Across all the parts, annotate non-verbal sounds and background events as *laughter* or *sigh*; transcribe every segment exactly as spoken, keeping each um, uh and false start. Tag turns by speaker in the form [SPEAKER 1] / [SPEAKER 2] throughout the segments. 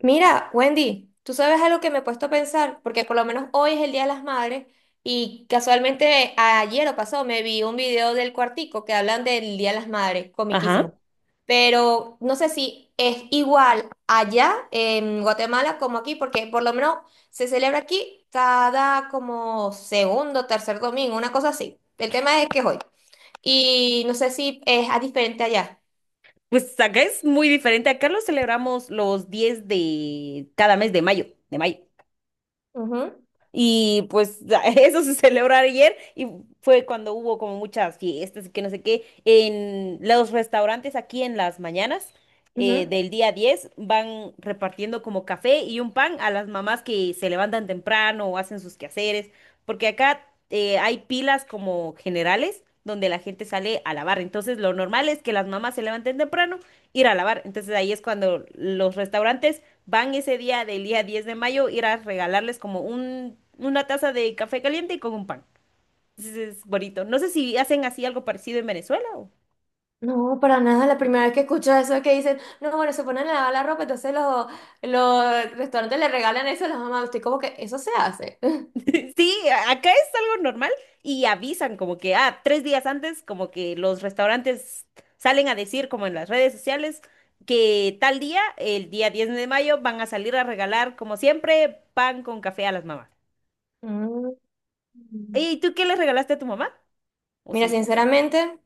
[SPEAKER 1] Mira, Wendy, tú sabes algo que me he puesto a pensar, porque por lo menos hoy es el Día de las Madres y casualmente ayer o pasó me vi un video del Cuartico que hablan del Día de las Madres, comiquísimo.
[SPEAKER 2] Ajá.
[SPEAKER 1] Pero no sé si es igual allá en Guatemala como aquí, porque por lo menos se celebra aquí cada como segundo, tercer domingo, una cosa así. El tema es que es hoy. Y no sé si es a diferente allá.
[SPEAKER 2] Pues acá es muy diferente. Acá lo celebramos los diez de cada mes de mayo, de mayo.
[SPEAKER 1] Ujú,
[SPEAKER 2] Y pues *laughs* eso se celebró ayer y fue cuando hubo como muchas fiestas y que no sé qué. En los restaurantes aquí en las mañanas eh,
[SPEAKER 1] ujú.
[SPEAKER 2] del día diez van repartiendo como café y un pan a las mamás que se levantan temprano o hacen sus quehaceres. Porque acá eh, hay pilas como generales donde la gente sale a lavar. Entonces lo normal es que las mamás se levanten temprano, ir a lavar. Entonces ahí es cuando los restaurantes van ese día del día diez de mayo, ir a regalarles como un, una taza de café caliente y con un pan. Entonces es bonito. No sé si hacen así algo parecido en Venezuela.
[SPEAKER 1] No, para nada, la primera vez que escucho eso es que dicen, no, bueno, se ponen a lavar la ropa, entonces los, los restaurantes le regalan eso a las mamás. Estoy como que eso se hace. *laughs*
[SPEAKER 2] *laughs* Sí, acá es algo normal y avisan como que, ah, tres días antes, como que los restaurantes salen a decir como en las redes sociales que tal día, el día diez de mayo, van a salir a regalar, como siempre, pan con café a las mamás.
[SPEAKER 1] Mm.
[SPEAKER 2] ¿Y tú qué le regalaste a tu mamá? ¿O
[SPEAKER 1] Mira,
[SPEAKER 2] sí?
[SPEAKER 1] sinceramente,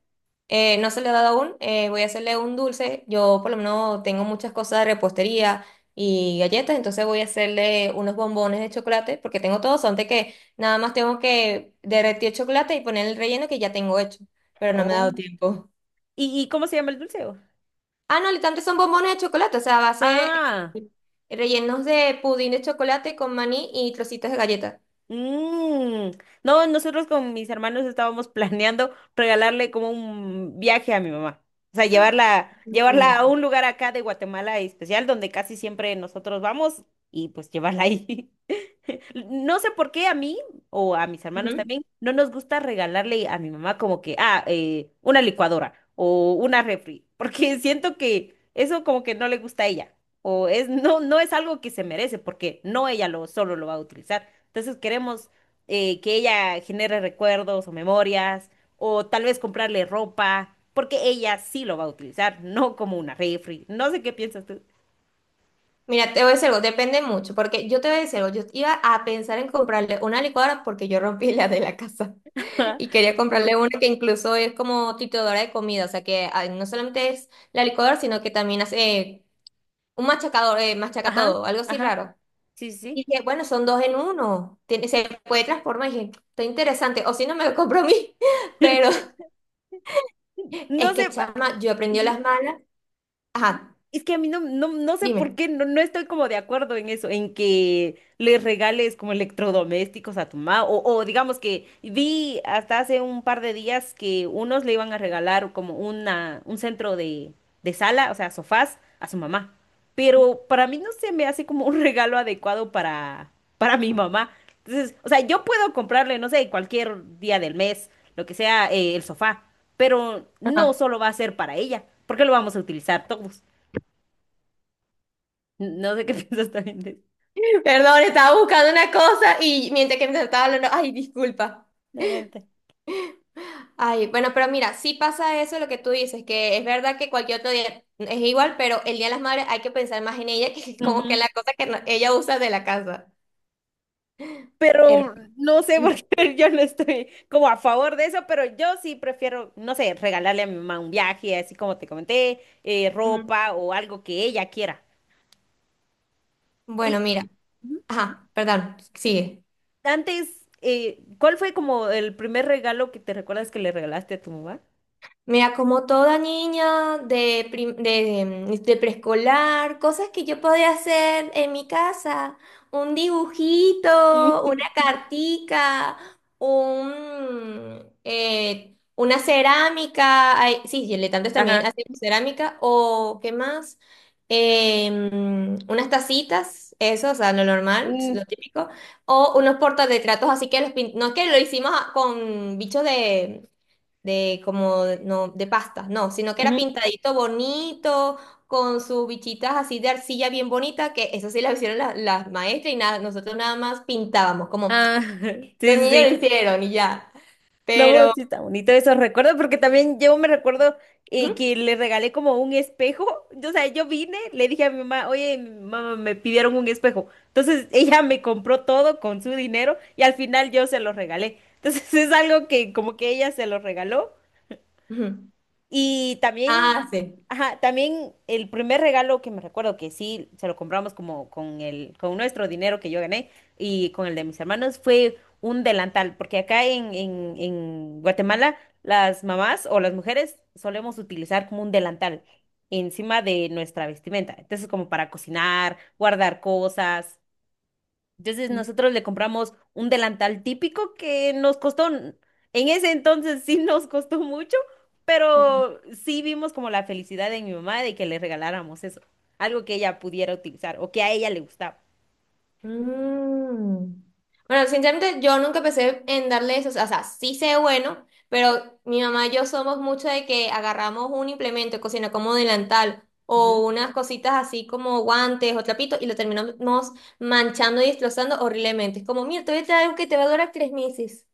[SPEAKER 1] eh, no se le ha dado aún. Eh, voy a hacerle un dulce. Yo por lo menos tengo muchas cosas de repostería y galletas, entonces voy a hacerle unos bombones de chocolate, porque tengo todo, son de que nada más tengo que derretir el chocolate y poner el relleno que ya tengo hecho, pero no me ha
[SPEAKER 2] Oh.
[SPEAKER 1] dado tiempo.
[SPEAKER 2] ¿Y, y cómo se llama el dulce, o?
[SPEAKER 1] Ah, no, literalmente son bombones de chocolate, o sea, a base
[SPEAKER 2] Ah.
[SPEAKER 1] eh, rellenos de pudín de chocolate con maní y trocitos de galleta.
[SPEAKER 2] Mm. No, nosotros con mis hermanos estábamos planeando regalarle como un viaje a mi mamá. O sea, llevarla, llevarla
[SPEAKER 1] No.
[SPEAKER 2] a un lugar acá de Guatemala especial donde casi siempre nosotros vamos y pues llevarla ahí. No sé por qué a mí o a mis hermanos
[SPEAKER 1] Ujú.
[SPEAKER 2] también no nos gusta regalarle a mi mamá como que, ah, eh, una licuadora o una refri, porque *laughs* siento que eso como que no le gusta a ella o es no no es algo que se merece porque no ella lo solo lo va a utilizar. Entonces queremos eh, que ella genere recuerdos o memorias o tal vez comprarle ropa porque ella sí lo va a utilizar, no como una refri. No sé qué piensas tú.
[SPEAKER 1] Mira, te voy a decir algo, depende mucho, porque yo te voy a decir algo, yo iba a pensar en comprarle una licuadora porque yo rompí la de la casa *laughs* y
[SPEAKER 2] *laughs*
[SPEAKER 1] quería comprarle una que incluso es como trituradora de comida, o sea que ah, no solamente es la licuadora, sino que también hace eh, un machacador, eh, machaca
[SPEAKER 2] Ajá,
[SPEAKER 1] todo, algo así
[SPEAKER 2] ajá,
[SPEAKER 1] raro.
[SPEAKER 2] sí, sí.
[SPEAKER 1] Y dije, bueno, son dos en uno, tiene- se puede transformar. Y dije, está interesante, o si no me lo compro a mí. *laughs*
[SPEAKER 2] *laughs*
[SPEAKER 1] Pero
[SPEAKER 2] Sí.
[SPEAKER 1] es
[SPEAKER 2] No
[SPEAKER 1] que,
[SPEAKER 2] sé. pa-
[SPEAKER 1] chama, yo aprendí a las malas. Ajá,
[SPEAKER 2] Es que a mí no, no, no sé por
[SPEAKER 1] dime.
[SPEAKER 2] qué, no, no estoy como de acuerdo en eso, en que le regales como electrodomésticos a tu mamá, o, o digamos que vi hasta hace un par de días que unos le iban a regalar como una, un centro de, de sala, o sea, sofás, a su mamá. Pero para mí no se me hace como un *laughs* regalo adecuado para, para mi mamá. Entonces, o sea, yo puedo comprarle, no sé, cualquier día del mes, lo que sea, eh, el sofá, pero
[SPEAKER 1] Ajá.
[SPEAKER 2] no solo va a ser para ella, porque lo vamos a utilizar todos. No sé qué *laughs* piensas también de
[SPEAKER 1] *laughs* Perdón, estaba buscando una cosa y mientras que me estaba hablando, ay, disculpa.
[SPEAKER 2] la neta.
[SPEAKER 1] Ay, bueno, pero mira, sí pasa eso lo que tú dices, que es verdad que cualquier otro día es igual, pero el Día de las Madres hay que pensar más en ella *laughs* que como que en
[SPEAKER 2] Ujú.
[SPEAKER 1] la cosa que no- ella usa de la casa. Er-
[SPEAKER 2] Pero no sé por qué *laughs* yo no estoy como a favor de eso, pero yo sí prefiero, no sé, regalarle a mi mamá un viaje, así como te comenté, eh,
[SPEAKER 1] Ujú.
[SPEAKER 2] ropa o algo que ella quiera.
[SPEAKER 1] Bueno,
[SPEAKER 2] Y
[SPEAKER 1] mira, ajá, perdón, sigue.
[SPEAKER 2] antes, eh, ¿cuál fue como el primer regalo que te recuerdas que le regalaste a tu mamá?
[SPEAKER 1] Mira, como toda niña de, prim- de, de preescolar, cosas que yo podía hacer en mi casa, un dibujito,
[SPEAKER 2] Mm.
[SPEAKER 1] una cartica, un, eh, una cerámica, ay, sí, diletantes también
[SPEAKER 2] Ajá.
[SPEAKER 1] hacemos cerámica, o qué más. Eh, mm, unas tacitas, eso, o sea, lo normal,
[SPEAKER 2] Mm,
[SPEAKER 1] lo típico, o unos portarretratos, así que los pin- no es que lo hicimos a- con bichos de de como de- no de pastas, no, sino que era
[SPEAKER 2] ujú.
[SPEAKER 1] pintadito bonito, con sus bichitas así de arcilla bien bonita, que eso sí las hicieron la- las maestras y nada, nosotros nada más pintábamos, como
[SPEAKER 2] Ah, *laughs*
[SPEAKER 1] los
[SPEAKER 2] sí,
[SPEAKER 1] niños
[SPEAKER 2] sí.
[SPEAKER 1] lo hicieron y ya.
[SPEAKER 2] No,
[SPEAKER 1] Pero,
[SPEAKER 2] sí está bonito esos recuerdos, porque también yo me recuerdo eh,
[SPEAKER 1] ¿Mm?
[SPEAKER 2] que le regalé como un espejo. O sea, yo vine, le dije a mi mamá, oye, mi mamá, me pidieron un espejo. Entonces *laughs* ella me compró todo con su dinero y al final yo se lo regalé. Entonces *laughs* es algo que como que ella se lo regaló
[SPEAKER 1] Ujú.
[SPEAKER 2] y también,
[SPEAKER 1] Ah, sí.
[SPEAKER 2] ajá, también el primer regalo que me recuerdo que sí se lo compramos como con el, con nuestro dinero que yo gané y con el de mis hermanos fue un delantal, porque acá en, en, en Guatemala las mamás o las mujeres solemos utilizar como un delantal encima de nuestra vestimenta. Entonces, como para cocinar, guardar cosas. Entonces nosotros le compramos un delantal típico que nos costó, en ese entonces sí nos costó mucho, pero sí vimos como la felicidad de mi mamá de que le regaláramos eso, algo que ella pudiera utilizar o que a ella le gustaba.
[SPEAKER 1] Mm. Bueno, sinceramente yo nunca pensé en darle eso, o sea, sí sé bueno, pero mi mamá y yo somos mucho de que agarramos un implemento de cocina como delantal o unas cositas así como guantes o trapitos y lo terminamos manchando y destrozando horriblemente. Es como, mira, te voy a traer algo que te va a durar tres meses.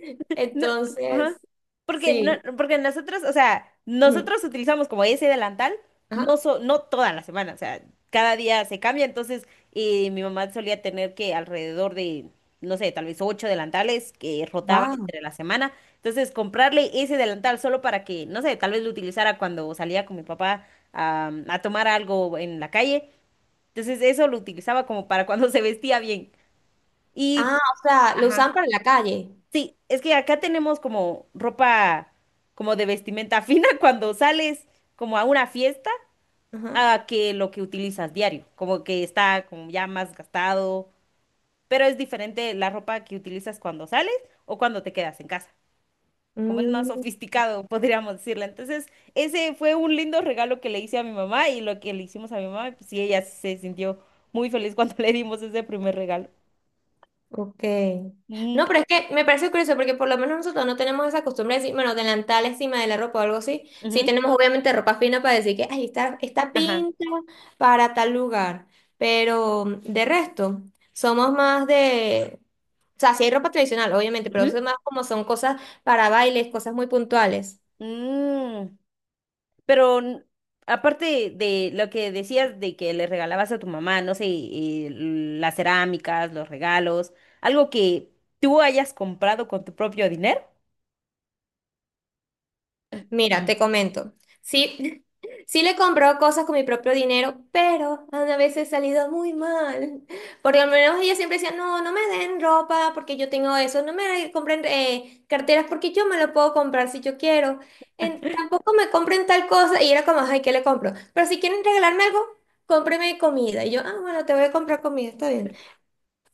[SPEAKER 1] *laughs*
[SPEAKER 2] No, ajá.
[SPEAKER 1] Entonces,
[SPEAKER 2] Porque, no,
[SPEAKER 1] sí.
[SPEAKER 2] porque nosotros, o sea,
[SPEAKER 1] Ujú.
[SPEAKER 2] nosotros utilizamos como ese delantal,
[SPEAKER 1] Ajá.
[SPEAKER 2] no, so, no toda la semana, o sea, cada día se cambia, entonces eh, mi mamá solía tener que alrededor de, no sé, tal vez ocho delantales que rotaba
[SPEAKER 1] Wow.
[SPEAKER 2] entre la semana, entonces comprarle ese delantal solo para que, no sé, tal vez lo utilizara cuando salía con mi papá a, a tomar algo en la calle, entonces eso lo utilizaba como para cuando *laughs* se vestía bien. Y,
[SPEAKER 1] Ah, o sea, lo
[SPEAKER 2] ajá.
[SPEAKER 1] usan para la calle.
[SPEAKER 2] Sí, es que acá tenemos como ropa como de vestimenta fina *laughs* cuando sales como a una fiesta
[SPEAKER 1] Ajá.
[SPEAKER 2] a que lo que utilizas diario, como que está como ya más gastado, pero es diferente la ropa que utilizas cuando sales o cuando te quedas en casa, como es más
[SPEAKER 1] Mm.
[SPEAKER 2] sofisticado, *laughs* podríamos decirle. Entonces, ese fue un lindo regalo que le hice a mi mamá y lo que le hicimos a mi mamá, pues sí, ella se sintió muy feliz cuando *laughs* le dimos ese primer regalo.
[SPEAKER 1] Ok. No,
[SPEAKER 2] Mm,
[SPEAKER 1] pero es que me parece curioso porque por lo menos nosotros no tenemos esa costumbre de decir, bueno, delantal encima de la ropa o algo así. Sí
[SPEAKER 2] ujú,
[SPEAKER 1] tenemos obviamente ropa fina para decir que, ay, está, está
[SPEAKER 2] ajá.
[SPEAKER 1] pinta para tal lugar. Pero mm, de resto, somos más de. O sea, sí hay ropa tradicional, obviamente, pero
[SPEAKER 2] Ujú,
[SPEAKER 1] eso es más como son cosas para bailes, cosas muy puntuales.
[SPEAKER 2] mm. Pero n- aparte de lo que decías de que le regalabas a tu mamá, no sé, eh, las cerámicas, los regalos, algo que tú hayas comprado con tu propio dinero.
[SPEAKER 1] Mira, te
[SPEAKER 2] *clears throat*
[SPEAKER 1] comento. Sí, *laughs* sí le compró cosas con mi propio dinero, pero a veces he salido muy mal. Porque al menos ella siempre decía, no, no me den ropa porque yo tengo eso, no me compren eh, carteras porque yo me lo puedo comprar si yo quiero. En- tampoco me compren tal cosa y era como, ay, ¿qué le compro? Pero si quieren regalarme algo, cómpreme comida. Y yo, ah, bueno, te voy a comprar comida, está bien.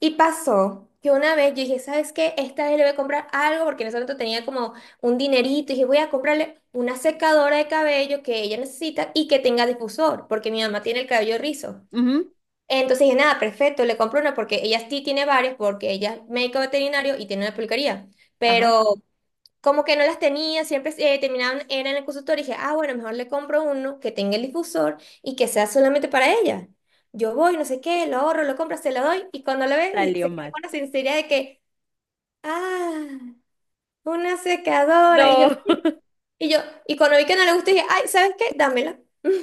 [SPEAKER 1] Y pasó que una vez yo dije, ¿sabes qué? Esta vez le voy a comprar algo porque en ese momento tenía como un dinerito. Y dije, voy a comprarle una secadora de cabello que ella necesita y que tenga difusor, porque mi mamá tiene el cabello rizo.
[SPEAKER 2] Ujú.
[SPEAKER 1] Entonces dije, nada, perfecto, le compro una porque ella sí tiene varios, porque ella es médico veterinario y tiene una peluquería.
[SPEAKER 2] Ajá,
[SPEAKER 1] Pero como que no las tenía, siempre eh, terminaban, eran en el consultorio, y dije, ah, bueno, mejor le compro uno que tenga el difusor y que sea solamente para ella. Yo voy, no sé qué, lo ahorro, lo compro, se lo doy, y cuando lo ve, y
[SPEAKER 2] salió
[SPEAKER 1] se queda
[SPEAKER 2] mal.
[SPEAKER 1] con la sinceridad de que, ah, una secadora, y yo,
[SPEAKER 2] No,
[SPEAKER 1] y yo, y cuando vi que no le gustó dije, ay, ¿sabes qué? Dámela. *laughs*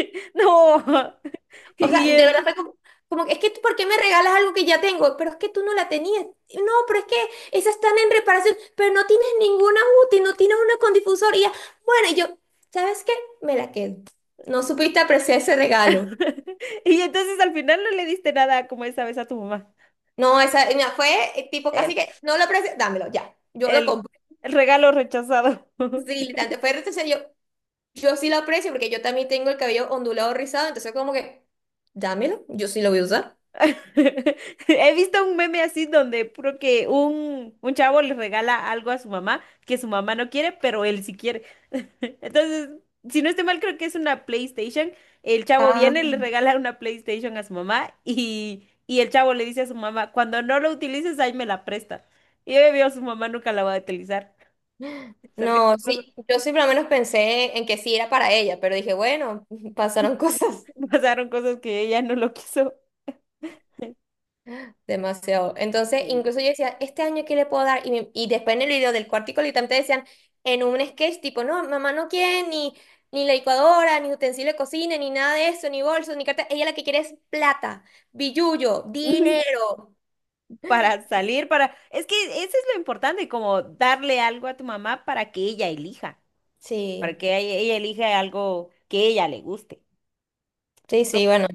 [SPEAKER 2] *laughs* no. *laughs*
[SPEAKER 1] O sea,
[SPEAKER 2] Y,
[SPEAKER 1] de verdad
[SPEAKER 2] en-
[SPEAKER 1] fue como, como que, es que, tú, ¿por qué me regalas algo que ya tengo? Pero es que tú no la tenías. No, pero es que esas están en reparación, pero no tienes ninguna útil, no tienes una con difusor. Y ya, bueno, y yo, ¿sabes qué? Me la quedo. No supiste apreciar ese regalo.
[SPEAKER 2] *laughs* y entonces al final no le diste nada como esa vez a tu mamá.
[SPEAKER 1] No, esa, mira, fue eh, tipo casi
[SPEAKER 2] El,
[SPEAKER 1] que, no lo aprecio, dámelo, ya. Yo lo
[SPEAKER 2] el,
[SPEAKER 1] compré.
[SPEAKER 2] el regalo rechazado.
[SPEAKER 1] Sí,
[SPEAKER 2] *laughs*
[SPEAKER 1] literalmente, fue retroceder, yo, yo sí lo aprecio porque yo también tengo el cabello ondulado rizado, entonces como que, dámelo, yo sí lo voy a usar.
[SPEAKER 2] *laughs* He visto un meme así donde puro que un, un chavo le regala algo a su mamá que su mamá no quiere, pero él sí quiere. *laughs* Entonces, si no estoy mal, creo que es una PlayStation. El chavo viene, le regala una PlayStation a su mamá y, y el chavo le dice a su mamá, cuando no lo utilices, ahí me la presta. Y obvio, su mamá nunca la va a utilizar. *laughs* Salga-
[SPEAKER 1] No, sí, yo sí por lo menos pensé en que sí era para ella, pero dije, bueno, *laughs* pasaron cosas
[SPEAKER 2] *laughs* Pasaron cosas que ella no lo quiso. *laughs*
[SPEAKER 1] demasiado. Entonces,
[SPEAKER 2] Sí.
[SPEAKER 1] incluso yo decía, este año qué le puedo dar. Y, me- y después en el video del cuartico literalmente decían en un sketch tipo, no, mamá no quiere ni, ni la licuadora, ni utensilio de cocina, ni nada de eso, ni bolsos, ni carta. Ella la que quiere es plata, billullo,
[SPEAKER 2] *laughs*
[SPEAKER 1] dinero.
[SPEAKER 2] Para salir, para... Es que eso es lo importante, como darle algo a tu mamá para que ella elija, para
[SPEAKER 1] Sí,
[SPEAKER 2] que ella, ella elija algo que ella le guste.
[SPEAKER 1] sí,
[SPEAKER 2] Pero
[SPEAKER 1] sí, bueno.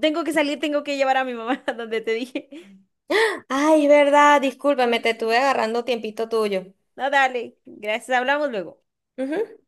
[SPEAKER 2] tengo que salir, tengo que llevar a mi mamá *laughs* a donde te dije.
[SPEAKER 1] *gasps* Ay, es verdad, discúlpame, te estuve agarrando tiempito tuyo.
[SPEAKER 2] No, dale, gracias, hablamos luego.
[SPEAKER 1] Ujú.